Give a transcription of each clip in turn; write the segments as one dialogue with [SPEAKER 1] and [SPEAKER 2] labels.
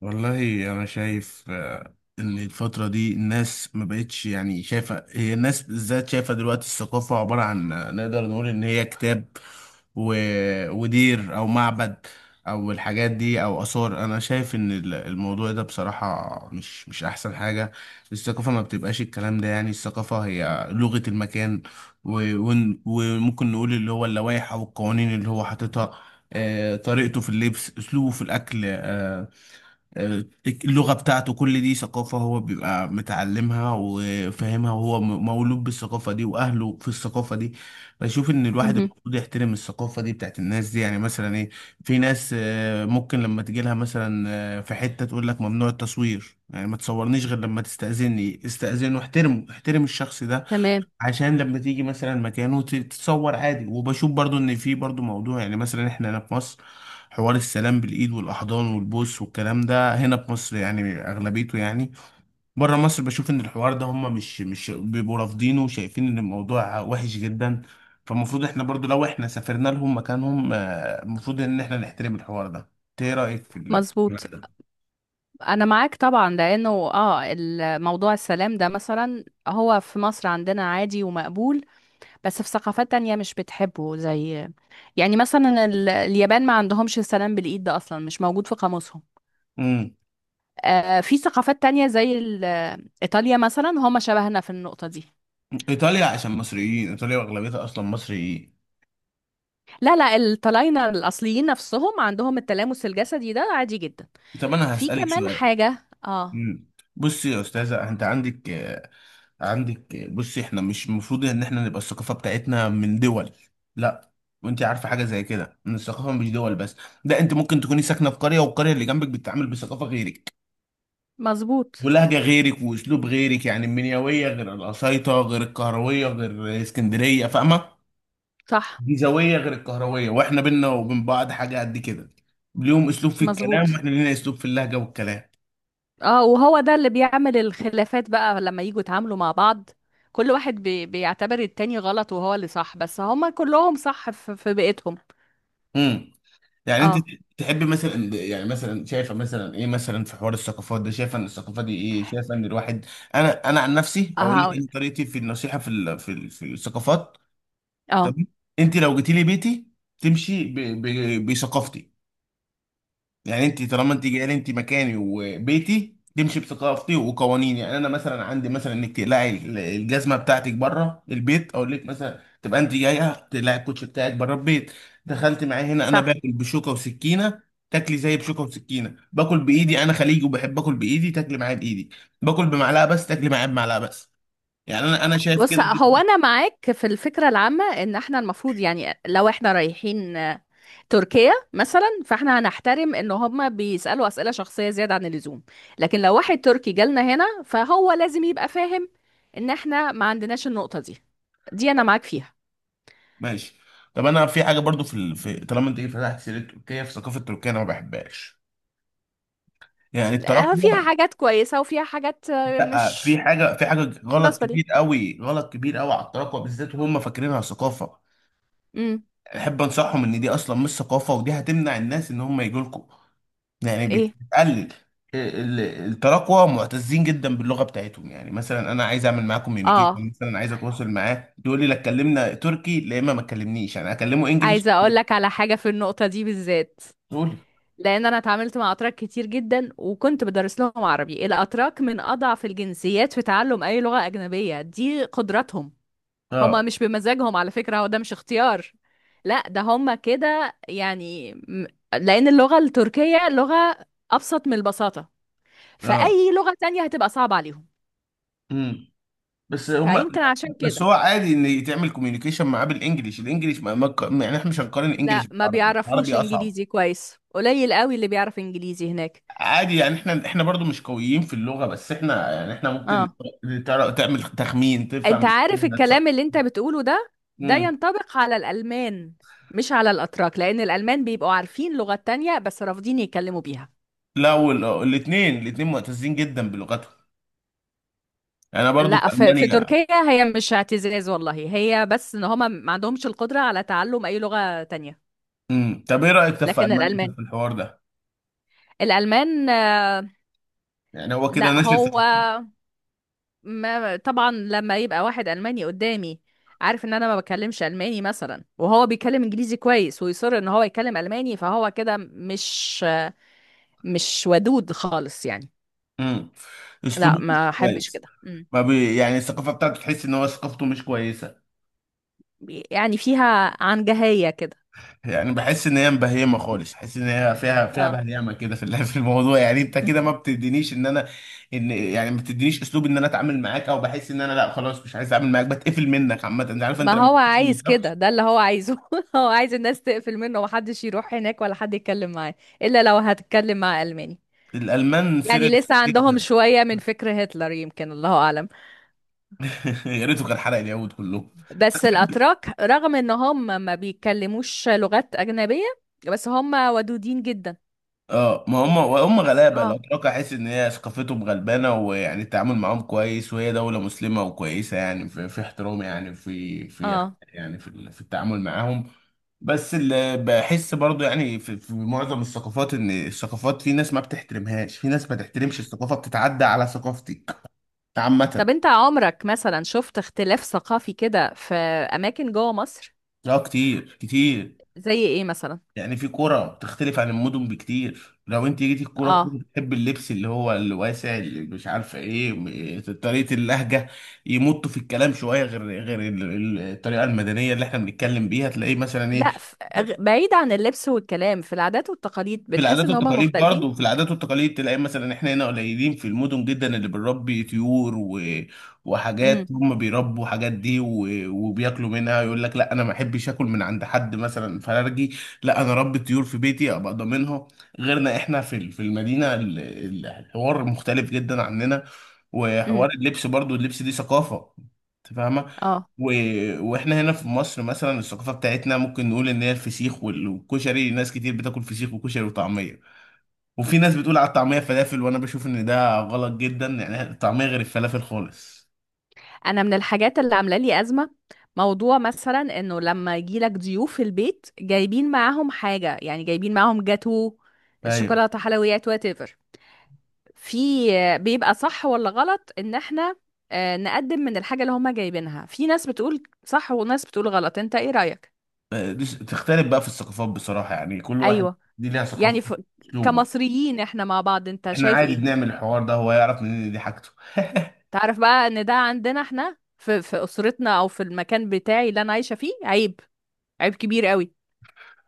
[SPEAKER 1] والله انا شايف ان الفتره دي الناس ما بقتش يعني شايفه هي الناس بالذات شايفه دلوقتي الثقافه عباره عن نقدر نقول ان هي كتاب و... ودير او معبد او الحاجات دي او اثار انا شايف ان الموضوع ده بصراحه مش احسن حاجه. الثقافه ما بتبقاش الكلام ده، يعني الثقافه هي لغه المكان و... وممكن نقول اللي هو اللوائح او القوانين اللي هو حاططها، طريقته في اللبس، اسلوبه في الاكل، اللغة بتاعته، كل دي ثقافة هو بيبقى متعلمها وفاهمها، وهو مولود بالثقافة دي وأهله في الثقافة دي. بشوف إن الواحد
[SPEAKER 2] مهم.
[SPEAKER 1] المفروض يحترم الثقافة دي بتاعت الناس دي. يعني مثلا إيه، في ناس ممكن لما تجيلها مثلا في حتة تقول لك ممنوع التصوير، يعني ما تصورنيش غير لما تستأذني، استأذن واحترمه، احترم الشخص ده
[SPEAKER 2] تمام.
[SPEAKER 1] عشان لما تيجي مثلا مكانه تتصور عادي. وبشوف برضو ان في برضو موضوع، يعني مثلا احنا هنا في مصر حوار السلام بالايد والاحضان والبوس والكلام ده، هنا في مصر يعني اغلبيته يعني. بره مصر بشوف ان الحوار ده هم مش بيبقوا رافضينه، وشايفين ان الموضوع وحش جدا. فالمفروض احنا برضو لو احنا سافرنا لهم مكانهم المفروض ان احنا نحترم الحوار ده. إنت ايه رايك في في
[SPEAKER 2] مظبوط.
[SPEAKER 1] الكلام ده؟
[SPEAKER 2] انا معاك طبعا لانه الموضوع السلام ده مثلا هو في مصر عندنا عادي ومقبول. بس في ثقافات تانية مش بتحبه، زي يعني مثلا اليابان ما عندهمش السلام بالايد، ده اصلا مش موجود في قاموسهم.
[SPEAKER 1] امم
[SPEAKER 2] آه، في ثقافات تانية زي ايطاليا مثلا هم شبهنا في النقطة دي.
[SPEAKER 1] ايطاليا، عشان مصريين، ايطاليا واغلبيتها اصلا مصريين.
[SPEAKER 2] لا، لا، الطلاينة الاصليين نفسهم عندهم التلامس الجسدي ده عادي جدا.
[SPEAKER 1] طب انا
[SPEAKER 2] في
[SPEAKER 1] هسالك
[SPEAKER 2] كمان
[SPEAKER 1] سؤال.
[SPEAKER 2] حاجة. اه.
[SPEAKER 1] مم. بصي يا استاذه، انت عندك عندك بصي، احنا مش المفروض ان احنا نبقى الثقافه بتاعتنا من دول، لا. وانت عارفه حاجه زي كده، ان الثقافه مش دول بس، ده انت ممكن تكوني ساكنه في قريه والقريه اللي جنبك بتتعامل بثقافه غيرك
[SPEAKER 2] مظبوط.
[SPEAKER 1] ولهجه غيرك واسلوب غيرك. يعني المنيويه غير القصيطه غير القهرويه غير اسكندريه، فاهمه؟
[SPEAKER 2] صح.
[SPEAKER 1] الجيزاويه غير القهرويه، واحنا بينا وبين بعض حاجه قد كده. ليهم اسلوب في الكلام،
[SPEAKER 2] مظبوط.
[SPEAKER 1] واحنا لينا اسلوب في اللهجه والكلام.
[SPEAKER 2] اه، وهو ده اللي بيعمل الخلافات بقى لما يجوا يتعاملوا مع بعض. كل واحد بيعتبر التاني غلط وهو اللي صح، بس هما كلهم صح في بيئتهم.
[SPEAKER 1] امم يعني انت
[SPEAKER 2] اه.
[SPEAKER 1] تحب مثلا، يعني مثلا شايفه مثلا ايه مثلا في حوار الثقافات ده، شايفه ان الثقافه دي ايه، شايفه ان الواحد، انا عن نفسي اقول لك
[SPEAKER 2] هقول.
[SPEAKER 1] ان طريقتي في النصيحه في في الثقافات.
[SPEAKER 2] اه.
[SPEAKER 1] تمام. انت لو جيتي لي بيتي تمشي بثقافتي. يعني انت طالما انت جايه لي، انت مكاني وبيتي، تمشي بثقافتي وقوانيني. يعني انا مثلا عندي مثلا انك تقلعي الجزمه بتاعتك بره البيت، اقول لك مثلا تبقى انت جايه تقلعي الكوتش بتاعك بره البيت. دخلت معايا هنا، انا
[SPEAKER 2] صح.
[SPEAKER 1] باكل بشوكه وسكينه، تاكلي زي بشوكه وسكينه. باكل بايدي، انا خليجي وبحب اكل بايدي، تاكلي معايا بايدي. باكل بمعلقه بس، تاكلي معايا بمعلقه بس. يعني انا شايف
[SPEAKER 2] بص،
[SPEAKER 1] كده
[SPEAKER 2] هو
[SPEAKER 1] دي-.
[SPEAKER 2] انا معاك في الفكره العامه ان احنا المفروض يعني لو احنا رايحين تركيا مثلا، فاحنا هنحترم ان هما بيسالوا اسئله شخصيه زياده عن اللزوم. لكن لو واحد تركي جالنا هنا فهو لازم يبقى فاهم ان احنا ما عندناش النقطه دي. دي انا معاك فيها.
[SPEAKER 1] ماشي. طب انا في حاجه برضو طالما انت فتحت سيره تركيا، في ثقافه تركيا انا ما بحبهاش، يعني التراكم.
[SPEAKER 2] فيها حاجات كويسة، وفيها حاجات
[SPEAKER 1] لا، في
[SPEAKER 2] مش
[SPEAKER 1] حاجه في حاجه غلط
[SPEAKER 2] مناسبة لي.
[SPEAKER 1] كبير قوي، غلط كبير قوي على التراكوة بالذات وهم فاكرينها ثقافه.
[SPEAKER 2] امم.
[SPEAKER 1] احب انصحهم ان دي اصلا مش ثقافه، ودي هتمنع الناس ان هم يجوا لكم. يعني
[SPEAKER 2] ايه.
[SPEAKER 1] بتقلل ال- التراكوة معتزين جدا باللغه بتاعتهم. يعني مثلا انا عايز اعمل معاه كوميونيكيشن،
[SPEAKER 2] اه.
[SPEAKER 1] مثلا عايز اتواصل معاه، تقول لي لا اتكلمنا تركي. لا، اما ما تكلمنيش انا اكلمه انجليش.
[SPEAKER 2] عايزه اقول لك على حاجه في النقطه دي بالذات.
[SPEAKER 1] تقول لي.
[SPEAKER 2] لان انا اتعاملت مع اتراك كتير جدا وكنت بدرس لهم عربي. الاتراك من اضعف الجنسيات في تعلم اي لغه اجنبيه، دي قدرتهم. هما
[SPEAKER 1] اه،
[SPEAKER 2] مش بمزاجهم على فكره، هو ده مش اختيار. لا، ده هما كده يعني لان اللغه التركيه لغه ابسط من البساطه.
[SPEAKER 1] اه.
[SPEAKER 2] فاي لغه تانية هتبقى صعبه عليهم.
[SPEAKER 1] بس هما
[SPEAKER 2] فيمكن
[SPEAKER 1] لا،
[SPEAKER 2] عشان
[SPEAKER 1] بس
[SPEAKER 2] كده.
[SPEAKER 1] هو عادي ان يتعمل كوميونيكيشن معاه بالانجليش، الانجليش يعني احنا مش هنقارن الانجليش
[SPEAKER 2] لا، ما
[SPEAKER 1] بالعربي، العربي
[SPEAKER 2] بيعرفوش
[SPEAKER 1] اصعب.
[SPEAKER 2] انجليزي كويس، قليل قوي اللي بيعرف انجليزي هناك.
[SPEAKER 1] عادي، يعني احنا برضو مش قويين في اللغة، بس احنا يعني احنا ممكن
[SPEAKER 2] اه،
[SPEAKER 1] تعمل تخمين، تفهم
[SPEAKER 2] انت عارف
[SPEAKER 1] الكلمة، تص-.
[SPEAKER 2] الكلام اللي انت بتقوله ده، ده
[SPEAKER 1] مم.
[SPEAKER 2] ينطبق على الالمان مش على الاتراك، لان الالمان بيبقوا عارفين لغات تانية بس رافضين يتكلموا بيها.
[SPEAKER 1] لا، والاثنين معتزين جدا بلغتهم، انا برضو
[SPEAKER 2] لا،
[SPEAKER 1] في
[SPEAKER 2] في
[SPEAKER 1] المانيا.
[SPEAKER 2] تركيا هي مش اعتزاز والله، هي بس ان هما ما عندهمش القدرة على تعلم اي لغة تانية.
[SPEAKER 1] طب ايه رايك طب في
[SPEAKER 2] لكن
[SPEAKER 1] المانيا، طب
[SPEAKER 2] الالمان،
[SPEAKER 1] في الحوار ده؟
[SPEAKER 2] الالمان.
[SPEAKER 1] يعني هو كده
[SPEAKER 2] لا
[SPEAKER 1] ناشر في.
[SPEAKER 2] هو، ما طبعا لما يبقى واحد ألماني قدامي عارف ان انا ما بكلمش ألماني مثلا، وهو بيتكلم انجليزي كويس ويصر ان هو يتكلم ألماني، فهو كده مش ودود خالص يعني.
[SPEAKER 1] مم.
[SPEAKER 2] لا،
[SPEAKER 1] اسلوبه
[SPEAKER 2] ما
[SPEAKER 1] مش
[SPEAKER 2] احبش
[SPEAKER 1] كويس.
[SPEAKER 2] كده. مم.
[SPEAKER 1] ما بي... يعني الثقافة بتاعته تحس ان هو ثقافته مش كويسة.
[SPEAKER 2] يعني فيها عنجهية كده.
[SPEAKER 1] يعني بحس ان هي مبهيمه خالص، بحس ان هي فيها
[SPEAKER 2] اه،
[SPEAKER 1] بهيمه كده في في الموضوع. يعني انت كده ما بتدينيش ان انا، ان يعني ما بتدينيش اسلوب ان انا اتعامل معاك، او بحس ان انا، لا خلاص مش عايز اتعامل معاك، بتقفل منك عامه. انت عارف
[SPEAKER 2] ما
[SPEAKER 1] انت لما
[SPEAKER 2] هو
[SPEAKER 1] بتقفل من
[SPEAKER 2] عايز كده،
[SPEAKER 1] شخص؟
[SPEAKER 2] ده اللي هو عايزه. هو عايز الناس تقفل منه ومحدش يروح هناك ولا حد يتكلم معاه، الا لو هتتكلم مع ألماني.
[SPEAKER 1] الالمان
[SPEAKER 2] يعني
[SPEAKER 1] سيريس
[SPEAKER 2] لسه عندهم
[SPEAKER 1] جدا.
[SPEAKER 2] شوية من فكر هتلر، يمكن الله اعلم.
[SPEAKER 1] يا ريته كان حرق اليهود كلهم.
[SPEAKER 2] بس الأتراك رغم إن هم ما بيتكلموش لغات أجنبية، بس هم ودودين جدا.
[SPEAKER 1] اه، ما هم غلابه
[SPEAKER 2] اه.
[SPEAKER 1] الاتراك، احس ان هي ثقافتهم غلبانه، ويعني التعامل معاهم كويس، وهي دوله مسلمه وكويسه. يعني في احترام، يعني في في،
[SPEAKER 2] اه.
[SPEAKER 1] يعني في التعامل معاهم. بس اللي بحس برضو يعني في معظم الثقافات، ان الثقافات في ناس ما بتحترمهاش، في ناس ما تحترمش الثقافه، بتتعدى على ثقافتك عامه.
[SPEAKER 2] طب أنت عمرك مثلا شفت اختلاف ثقافي كده في أماكن جوه مصر؟
[SPEAKER 1] اه كتير كتير.
[SPEAKER 2] زي إيه مثلا؟
[SPEAKER 1] يعني في كرة بتختلف عن المدن بكتير، لو انت جيتي الكرة كنت
[SPEAKER 2] اه.
[SPEAKER 1] بتحب اللبس اللي هو الواسع اللي مش عارفة ايه، طريقة اللهجة يمطوا في الكلام شوية، غير الطريقة المدنية اللي احنا بنتكلم بيها. تلاقيه مثلا ايه،
[SPEAKER 2] لا، بعيد عن اللبس والكلام، في العادات والتقاليد
[SPEAKER 1] في
[SPEAKER 2] بتحس
[SPEAKER 1] العادات
[SPEAKER 2] إن هم
[SPEAKER 1] والتقاليد برضه. وفي
[SPEAKER 2] مختلفين؟
[SPEAKER 1] العادات والتقاليد تلاقي مثلا احنا هنا قليلين في المدن جدا اللي بنربي طيور وحاجات،
[SPEAKER 2] امم.
[SPEAKER 1] هم بيربوا حاجات دي وبياكلوا منها. يقول لك لا انا ما احبش اكل من عند حد مثلا فرارجي، لا انا ربي طيور في بيتي ابقى ضامنها. غيرنا احنا في في المدينه الحوار مختلف جدا عننا. وحوار
[SPEAKER 2] امم.
[SPEAKER 1] اللبس برضه، اللبس دي ثقافه، انت فاهمه؟
[SPEAKER 2] اه.
[SPEAKER 1] و... واحنا هنا في مصر مثلا الثقافه بتاعتنا ممكن نقول ان هي الفسيخ والكشري. ناس كتير بتاكل فسيخ وكشري وطعميه، وفي ناس بتقول على الطعميه فلافل، وانا بشوف ان ده غلط جدا، يعني الطعميه غير الفلافل خالص.
[SPEAKER 2] انا من الحاجات اللي عامله لي ازمه موضوع مثلا انه لما يجيلك ضيوف في البيت جايبين معاهم حاجه، يعني جايبين معاهم جاتو،
[SPEAKER 1] ايوه.
[SPEAKER 2] شوكولاته، حلويات، وات ايفر. في بيبقى صح ولا غلط ان احنا نقدم من الحاجه اللي هما جايبينها؟ في ناس بتقول صح وناس بتقول غلط، انت ايه رايك؟
[SPEAKER 1] دي تختلف بقى في الثقافات بصراحه، يعني كل واحد
[SPEAKER 2] ايوه.
[SPEAKER 1] دي ليها
[SPEAKER 2] يعني
[SPEAKER 1] ثقافه، اسلوبه.
[SPEAKER 2] كمصريين احنا مع بعض انت
[SPEAKER 1] احنا
[SPEAKER 2] شايف
[SPEAKER 1] عادي
[SPEAKER 2] ايه؟
[SPEAKER 1] بنعمل الحوار ده، هو يعرف منين إن دي حاجته؟
[SPEAKER 2] تعرف بقى ان ده عندنا احنا في اسرتنا، او في المكان بتاعي اللي انا عايشه فيه عيب. عيب كبير قوي.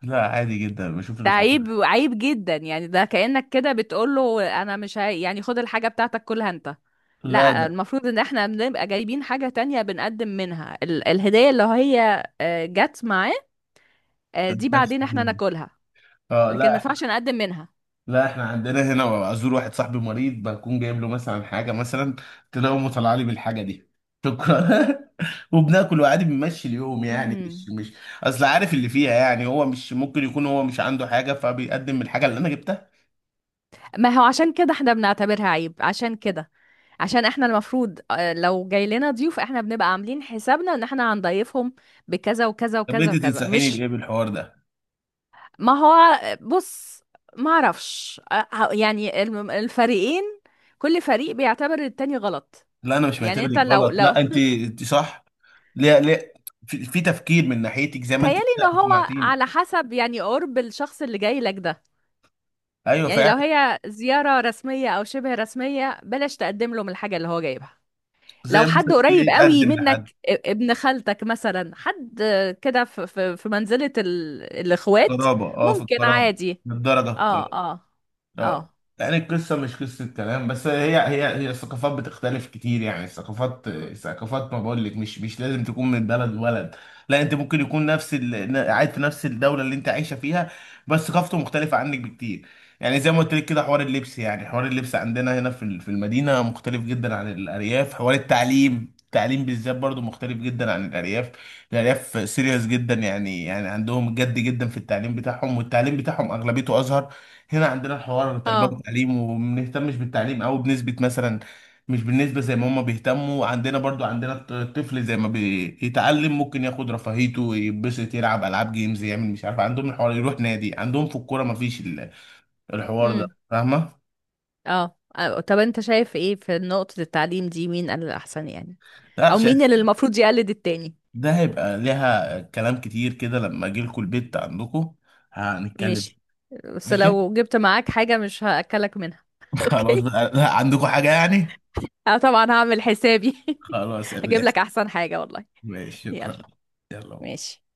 [SPEAKER 1] لا عادي جدا بشوف
[SPEAKER 2] ده عيب،
[SPEAKER 1] الحوار.
[SPEAKER 2] عيب جدا، يعني ده كأنك كده بتقول له انا مش هاي، يعني خد الحاجة بتاعتك كلها انت.
[SPEAKER 1] لا ب-
[SPEAKER 2] لا، المفروض ان احنا بنبقى جايبين حاجة تانية بنقدم منها الهدية اللي هي جت معاه. دي
[SPEAKER 1] بس-
[SPEAKER 2] بعدين احنا ناكلها.
[SPEAKER 1] اه
[SPEAKER 2] لكن ما
[SPEAKER 1] لا،
[SPEAKER 2] ينفعش نقدم منها.
[SPEAKER 1] لا احنا عندنا هنا ازور واحد صاحبي مريض، بكون جايب له مثلا حاجه، مثلا تلاقيه طالع لي بالحاجه دي، شكرا. وبناكل وعادي بنمشي اليوم، يعني مش
[SPEAKER 2] مم.
[SPEAKER 1] مش اصل عارف اللي فيها. يعني هو مش ممكن يكون هو مش عنده حاجه فبيقدم الحاجه اللي انا جبتها.
[SPEAKER 2] ما هو عشان كده احنا بنعتبرها عيب، عشان كده. عشان احنا المفروض لو جاي لنا ضيوف احنا بنبقى عاملين حسابنا ان احنا هنضيفهم بكذا وكذا
[SPEAKER 1] طب
[SPEAKER 2] وكذا
[SPEAKER 1] انت
[SPEAKER 2] وكذا،
[SPEAKER 1] تنصحيني
[SPEAKER 2] مش.
[SPEAKER 1] بايه بالحوار ده؟
[SPEAKER 2] ما هو بص، ما اعرفش يعني الفريقين، كل فريق بيعتبر التاني غلط.
[SPEAKER 1] لا انا مش
[SPEAKER 2] يعني انت
[SPEAKER 1] معتبرك
[SPEAKER 2] لو
[SPEAKER 1] غلط،
[SPEAKER 2] لو
[SPEAKER 1] لا انت انت صح. ليه؟ ليه؟ في تفكير من ناحيتك زي ما انت
[SPEAKER 2] تهيالي
[SPEAKER 1] كده
[SPEAKER 2] ان هو
[SPEAKER 1] اقنعتيني.
[SPEAKER 2] على حسب، يعني قرب الشخص اللي جاي لك ده.
[SPEAKER 1] ايوه
[SPEAKER 2] يعني
[SPEAKER 1] فعلا.
[SPEAKER 2] لو هي زيارة رسمية او شبه رسمية بلاش تقدم له من الحاجة اللي هو جايبها. لو
[SPEAKER 1] زي
[SPEAKER 2] حد
[SPEAKER 1] مثلا
[SPEAKER 2] قريب
[SPEAKER 1] ليه
[SPEAKER 2] قوي
[SPEAKER 1] يقدم لحد.
[SPEAKER 2] منك ابن خالتك مثلا، حد كده في منزلة الاخوات،
[SPEAKER 1] قرابه، اه، في
[SPEAKER 2] ممكن
[SPEAKER 1] القرابه.
[SPEAKER 2] عادي.
[SPEAKER 1] للدرجه؟
[SPEAKER 2] اه. اه.
[SPEAKER 1] اه.
[SPEAKER 2] اه.
[SPEAKER 1] يعني القصة مش قصة كلام بس، هي هي هي الثقافات بتختلف كتير، يعني الثقافات الثقافات، ما بقول لك مش لازم تكون من بلد ولد، لا انت ممكن يكون نفس قاعد في نفس الدولة اللي انت عايشة فيها، بس ثقافته مختلفة عنك بكتير. يعني زي ما قلت لك كده، حوار اللبس، يعني حوار اللبس عندنا هنا في في المدينة مختلف جدا عن الأرياف. حوار التعليم، التعليم بالذات برضو مختلف جدا عن الأرياف. الأرياف سيريس جدا، يعني يعني عندهم جد جدا في التعليم بتاعهم، والتعليم بتاعهم أغلبيته أزهر. هنا عندنا الحوار التربية
[SPEAKER 2] اه.
[SPEAKER 1] والتعليم، وما بنهتمش بالتعليم أوي بنسبة مثلا، مش بالنسبة زي ما هما بيهتموا. عندنا برضو عندنا الطفل زي ما بيتعلم ممكن ياخد رفاهيته، يتبسط، يلعب ألعاب جيمز، يعمل مش عارف، عندهم الحوار يروح نادي، عندهم في الكورة، مفيش الحوار ده،
[SPEAKER 2] امم.
[SPEAKER 1] فاهمة؟
[SPEAKER 2] اه. طب انت شايف ايه في نقطة التعليم دي، مين قال الأحسن يعني،
[SPEAKER 1] لا
[SPEAKER 2] او مين
[SPEAKER 1] شايف،
[SPEAKER 2] اللي المفروض يقلد التاني؟
[SPEAKER 1] ده هيبقى ليها كلام كتير كده لما أجي لكم البيت عندكم هنتكلم.
[SPEAKER 2] ماشي. بس
[SPEAKER 1] ماشي؟
[SPEAKER 2] لو جبت معاك حاجة مش هأكلك منها
[SPEAKER 1] خلاص
[SPEAKER 2] اوكي؟
[SPEAKER 1] بقى، لا عندكم حاجة يعني؟
[SPEAKER 2] انا طبعا هعمل حسابي.
[SPEAKER 1] خلاص يا
[SPEAKER 2] هجيب
[SPEAKER 1] بلاش.
[SPEAKER 2] لك احسن حاجة والله.
[SPEAKER 1] ماشي،
[SPEAKER 2] يلا.
[SPEAKER 1] شكرا. يلا.
[SPEAKER 2] ماشي.